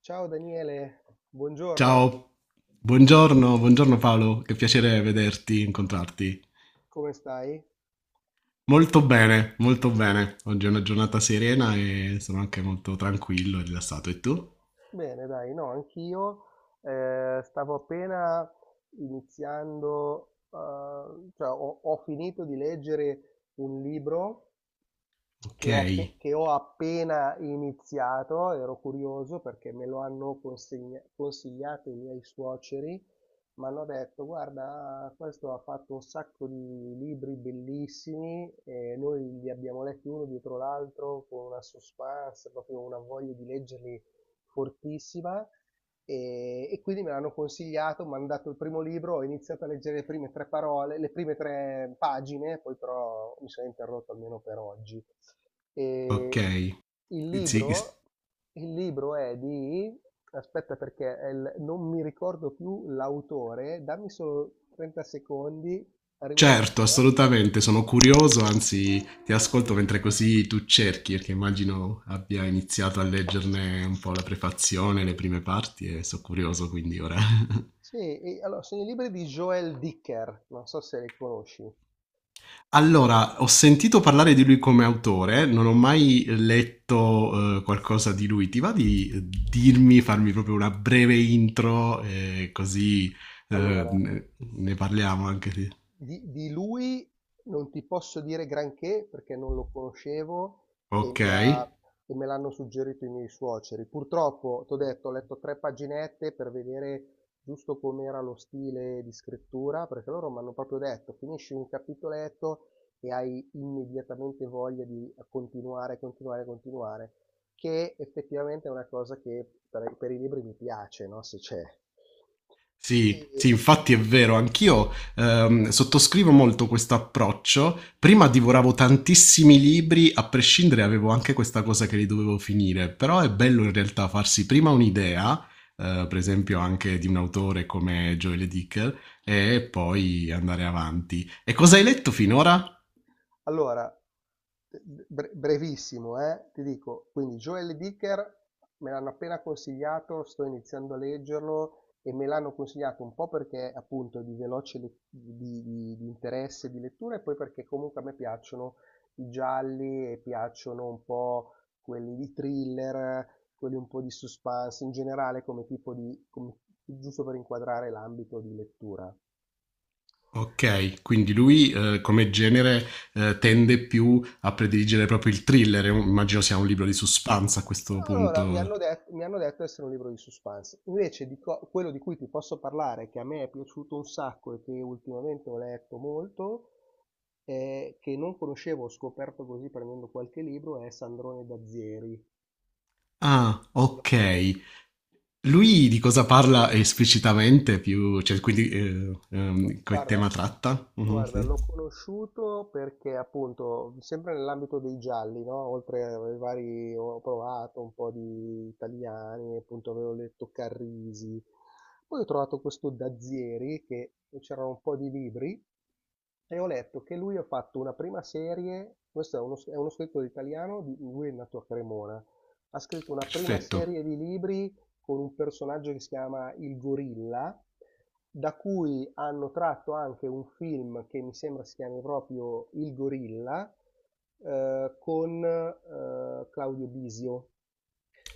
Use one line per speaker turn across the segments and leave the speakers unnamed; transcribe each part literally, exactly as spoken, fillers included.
Ciao Daniele, buongiorno,
Ciao, buongiorno, buongiorno Paolo, che piacere vederti, incontrarti.
come stai?
Molto bene, molto bene. Oggi è una giornata serena e sono anche molto tranquillo e rilassato. E tu?
Bene, dai, no, anch'io. Eh, stavo appena iniziando. Eh, cioè ho, ho finito di leggere un libro
Ok,
che ho, appe- che ho appena iniziato. Ero curioso perché me lo hanno consegna- consigliato i miei suoceri. Mi hanno detto, guarda, questo ha fatto un sacco di libri bellissimi e noi li abbiamo letti uno dietro l'altro con una suspense, proprio una voglia di leggerli fortissima. E, e quindi me l'hanno consigliato, mi hanno dato il primo libro, ho iniziato a leggere le prime tre parole, le prime tre pagine, poi però mi sono interrotto almeno per oggi.
ok.
E il
Sì,
libro, il libro è di, Aspetta perché è il- non mi ricordo più l'autore, dammi solo trenta secondi, arrivo
certo,
subito. eh.
assolutamente, sono curioso, anzi ti ascolto mentre così tu cerchi, perché immagino abbia iniziato a leggerne un po' la prefazione, le
Eccomi.
prime parti e sono curioso quindi ora.
Sì, e- allora, sono i libri di Joel Dicker, non so se li conosci.
Allora, ho sentito parlare di lui come autore, non ho mai letto, eh, qualcosa di lui. Ti va di eh, dirmi, farmi proprio una breve intro, eh, così, eh,
Allora,
ne ne parliamo anche di...
di, di lui non ti posso dire granché perché non lo conoscevo. e,
Ok.
mi ha- e me l'hanno suggerito i miei suoceri. Purtroppo, t'ho detto, ho letto tre paginette per vedere giusto com'era lo stile di scrittura, perché loro mi hanno proprio detto, finisci un capitoletto e hai immediatamente voglia di continuare, continuare, continuare, che effettivamente è una cosa che per, per i libri mi piace, no? Se c'è.
Sì,
E,
sì, infatti è vero, anch'io ehm, sottoscrivo molto questo approccio. Prima divoravo tantissimi libri, a prescindere avevo anche questa cosa che li dovevo finire, però è bello in realtà farsi prima un'idea, eh, per esempio anche di un autore come Joel Dicker, e poi andare avanti. E cosa hai letto finora?
Allora, bre- Brevissimo, eh, ti dico, quindi Joel Dicker me l'hanno appena consigliato, sto iniziando a leggerlo e me l'hanno consigliato un po' perché appunto di veloce le- di, di- di interesse di lettura e poi perché comunque a me piacciono i gialli e piacciono un po' quelli di thriller, quelli un po' di suspense in generale come tipo di, come- giusto per inquadrare l'ambito di lettura.
Ok, quindi lui eh, come genere eh, tende più a prediligere proprio il thriller, immagino sia un libro di suspense a questo
Allora, mi
punto.
hanno detto, mi hanno detto di essere un libro di suspense. Invece di co- quello di cui ti posso parlare, che a me è piaciuto un sacco e che ultimamente ho letto molto, eh, che non conoscevo, ho scoperto così prendendo qualche libro, è Sandrone Dazieri.
Ah,
Lo
okay.
conosci?
Lui di cosa parla esplicitamente più cioè quindi, ehm,
Gu
ehm, che
guarda
tema tratta? Mh-mh,
guarda,
sì.
l'ho conosciuto perché appunto, sempre nell'ambito dei gialli, no? Oltre ai vari, ho provato un po' di italiani, appunto avevo letto Carrisi. Poi ho trovato questo Dazieri che c'erano un po' di libri e ho letto che lui ha fatto una prima serie, questo è uno, è uno scrittore italiano, di- lui è nato a Cremona, ha scritto una prima
Perfetto.
serie di libri con un personaggio che si chiama Il Gorilla, da cui hanno tratto anche un film che mi sembra si chiami proprio Il Gorilla, eh, con eh, Claudio Bisio.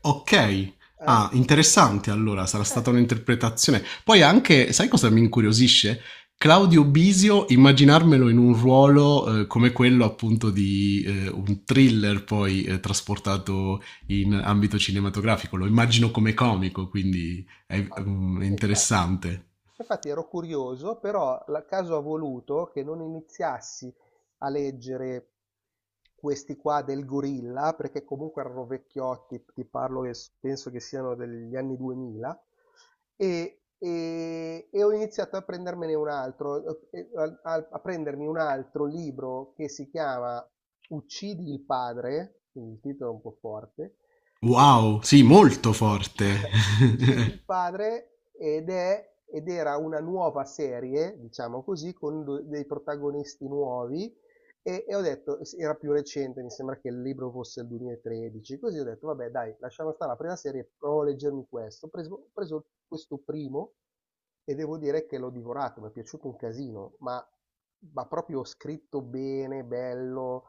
Okay.
Eh?
Ah, interessante allora, sarà
Eh,
stata un'interpretazione. Poi anche sai cosa mi incuriosisce? Claudio Bisio, immaginarmelo in un ruolo, ehm, come quello appunto di, ehm, un thriller poi, ehm, trasportato in ambito cinematografico. Lo immagino come comico, quindi è v
Ah,
mhmm, è
e infatti.
interessante.
Infatti ero curioso, però il caso ha voluto che non iniziassi a leggere questi qua del gorilla, perché comunque erano vecchiotti, ti parlo che s- penso che siano degli anni duemila. E, e- e ho iniziato a prendermene un altro, eh, a, a- a prendermi un altro libro che si chiama Uccidi il padre, quindi il titolo è un po' forte.
Wow, sì, molto forte.
Uccidi il padre ed è ed era una nuova serie, diciamo così, con do- dei protagonisti nuovi. E, e ho detto, era più recente, mi sembra che il libro fosse il duemilatredici, così ho detto, vabbè dai, lasciamo stare la prima serie, provo a leggermi questo. Ho preso, ho preso questo primo e devo dire che l'ho divorato, mi è piaciuto un casino, ma, ma proprio scritto bene, bello,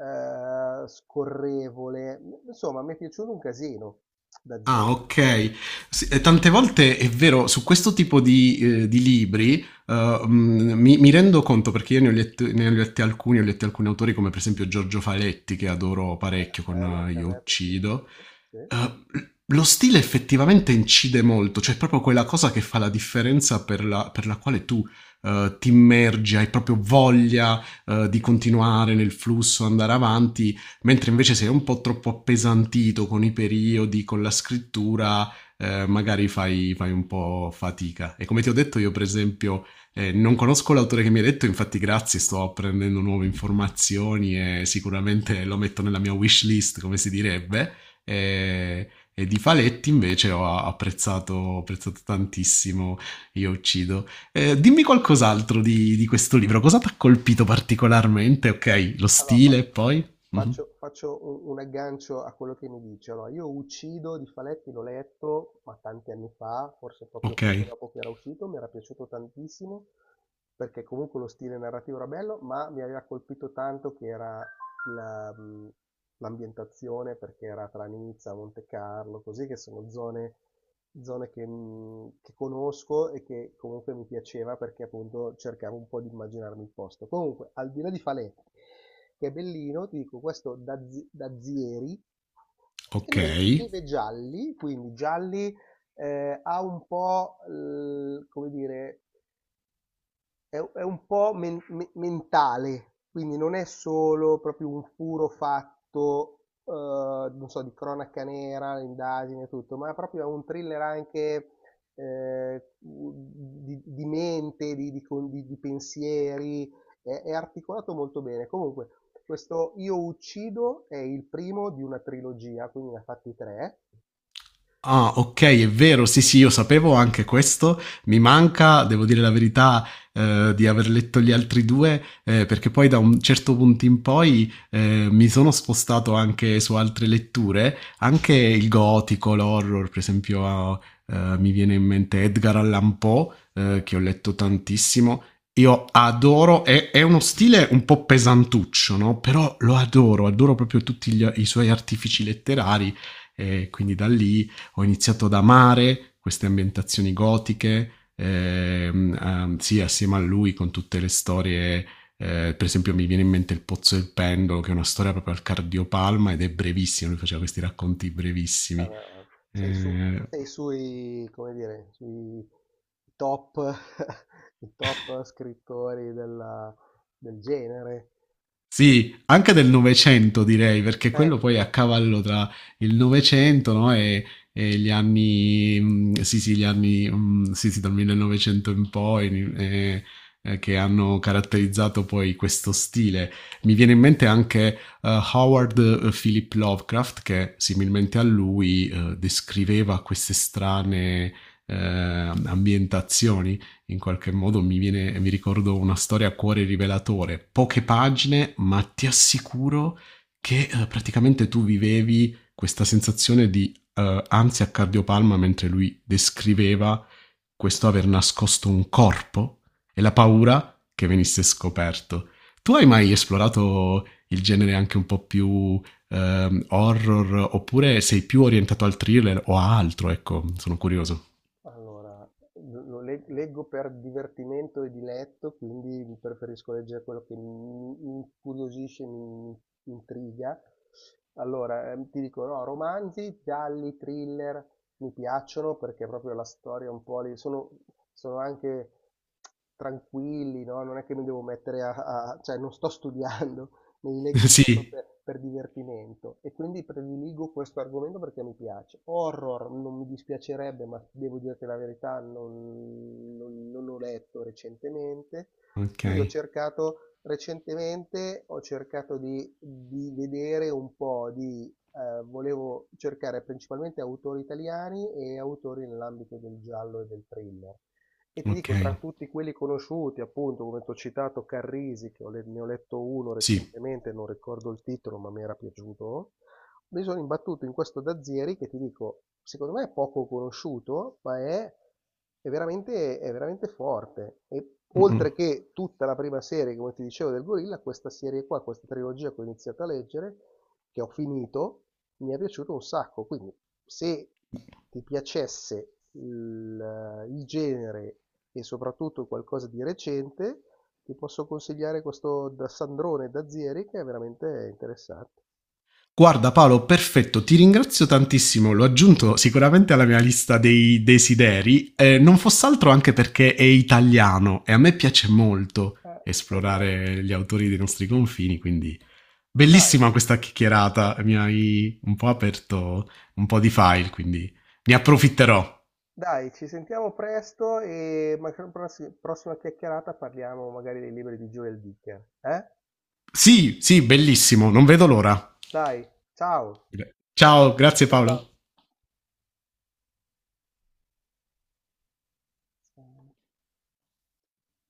eh, scorrevole, insomma mi è piaciuto un casino da zero.
Ah, ok. Sì, eh, tante volte è vero, su questo tipo di, eh, di libri eh, mm, mi, mi rendo conto perché io ne ho letto- ne ho letti alcuni, ho letti alcuni autori come per esempio Giorgio Faletti, che adoro parecchio con
Bello,
eh,
anche a
Io
me è piaciuto.
uccido.
No? Sì.
Eh, lo stile effettivamente incide molto, cioè è proprio quella cosa che fa la differenza per la, per la quale tu eh, ti immergi, hai proprio voglia eh, di continuare nel flusso, andare avanti mentre invece se è un po' troppo appesantito con i periodi, con la scrittura, eh, magari fai, fai un po' fatica. E come ti ho detto io, per esempio, eh, non conosco l'autore che mi ha detto, infatti grazie, sto apprendendo nuove informazioni e sicuramente lo metto nella mia wish list, come si direbbe. E, e di Faletti invece ho apprezzato, apprezzato tantissimo Io uccido. Eh, dimmi qualcos'altro di, di questo libro, cosa ti ha colpito particolarmente? Ok, lo
Allora, fa-
stile poi? Mhm.
faccio, faccio un, un aggancio a quello che mi dice. Allora, Io Uccido di Faletti l'ho letto, ma tanti anni fa, forse proprio poco
Okay,
dopo che era uscito, mi era piaciuto tantissimo, perché comunque lo stile narrativo era bello, ma mi aveva colpito tanto che era la, mh, l'ambientazione perché era tra Nizza, Monte Carlo, così che sono zone, zone che, mh, che conosco e che comunque mi piaceva perché appunto cercavo un po' di immaginarmi il posto. Comunque, al di là di Falè, che è bellino, ti dico questo Daz- Dazieri, scrive,
okay.
scrive gialli, quindi gialli eh, ha un po', l- come dire, è, è un po' men- me- mentale, quindi non è solo proprio un puro fatto, eh, non so, di cronaca nera, indagine e tutto, ma proprio è un thriller anche eh, di, di mente, di, di con- di- di pensieri, è, è articolato molto bene. Comunque, questo Io uccido è il primo di una trilogia, quindi ne ha fatti tre.
Ah, ok, è vero, sì, sì, io sapevo anche questo. Mi manca, devo dire la verità, eh, di aver letto gli altri due, eh, perché poi da un certo punto in poi eh, mi sono spostato anche su altre letture, anche il gotico, l'horror, per esempio, ah, eh, mi viene in mente Edgar Allan Poe,
Eh,
eh, che ho letto
eh.
tantissimo. Io adoro, è, è uno stile un po' pesantuccio, no? Però lo adoro, adoro proprio tutti gli- i suoi artifici letterari. E quindi da lì ho iniziato ad amare queste ambientazioni gotiche, ehm, ehm, sì, assieme a lui con tutte le storie. Eh, per esempio, mi viene in mente Il Pozzo del Pendolo, che è una storia proprio al cardiopalma ed è brevissima. Lui faceva questi racconti brevissimi.
Vabbè, ma sei su,
Eh,
sei sui, come dire, sui top, i top scrittori della- del genere.
Sì, anche del Novecento direi, perché
Eh,
quello poi è a cavallo tra il Novecento, no, e, e gli anni, mm, sì sì, gli anni, mm, sì sì, dal millenovecento in poi, eh, eh, che hanno caratterizzato poi questo stile. Mi viene in mente anche eh, Howard eh, Philip Lovecraft, che similmente a lui eh, descriveva queste strane eh, ambientazioni in qualche modo mi viene, mi ricordo una storia a cuore rivelatore, poche pagine, ma ti assicuro che eh, praticamente tu vivevi questa sensazione di eh, ansia a cardiopalma mentre lui descriveva questo aver nascosto un corpo e la paura che venisse scoperto. Tu hai mai esplorato il genere anche un po' più eh, horror oppure sei più orientato al thriller o a altro? Ecco, sono curioso.
Allora, lo lo le leggo per divertimento e diletto, quindi preferisco leggere quello che mi mi incuriosisce, mi mi intriga. Allora, ehm, ti dico, no, romanzi, gialli, thriller, mi piacciono perché proprio la storia un po' lì, sono, sono anche tranquilli, no? Non è che mi devo mettere a, a- cioè non sto studiando, me li leggo un po'
Sì,
per, per divertimento e quindi prediligo questo argomento perché mi piace. Horror non mi dispiacerebbe, ma devo dirti la verità, non, non- non ho letto recentemente. Quindi ho
ok.
cercato recentemente, ho cercato di, di vedere un po' di... eh, volevo cercare principalmente autori italiani e autori nell'ambito del giallo e del thriller. E ti
Ok,
dico, tra tutti quelli conosciuti, appunto, come ti ho citato Carrisi, che ho le- ne ho letto uno
sì.
recentemente, non ricordo il titolo, ma mi era piaciuto, mi sono imbattuto in questo Dazieri che ti dico, secondo me è poco conosciuto, ma è, è veramente, è veramente forte. E
Mm-mm.
oltre che tutta la prima serie, come ti dicevo, del Gorilla, questa serie qua, questa trilogia che ho iniziato a leggere, che ho finito, mi è piaciuto un sacco, quindi se ti piacesse il, il genere e soprattutto qualcosa di recente, ti posso consigliare questo da Sandrone Dazieri che è veramente interessante.
Guarda Paolo, perfetto, ti ringrazio tantissimo, l'ho aggiunto sicuramente alla mia lista dei desideri, eh, non fosse altro anche perché è italiano e a me piace molto
Eh, esatto.
esplorare gli autori dei nostri confini, quindi
Dai,
bellissima questa chiacchierata, mi hai un po' aperto un po' di file, quindi ne
dai,
approfitterò.
Dai, ci sentiamo presto e magari pross- prossima chiacchierata parliamo magari dei libri di Joel Dicker. Eh?
Sì, sì, bellissimo, non vedo l'ora.
Dai, ciao.
Ciao, grazie
Ciao,
Paolo.
ciao.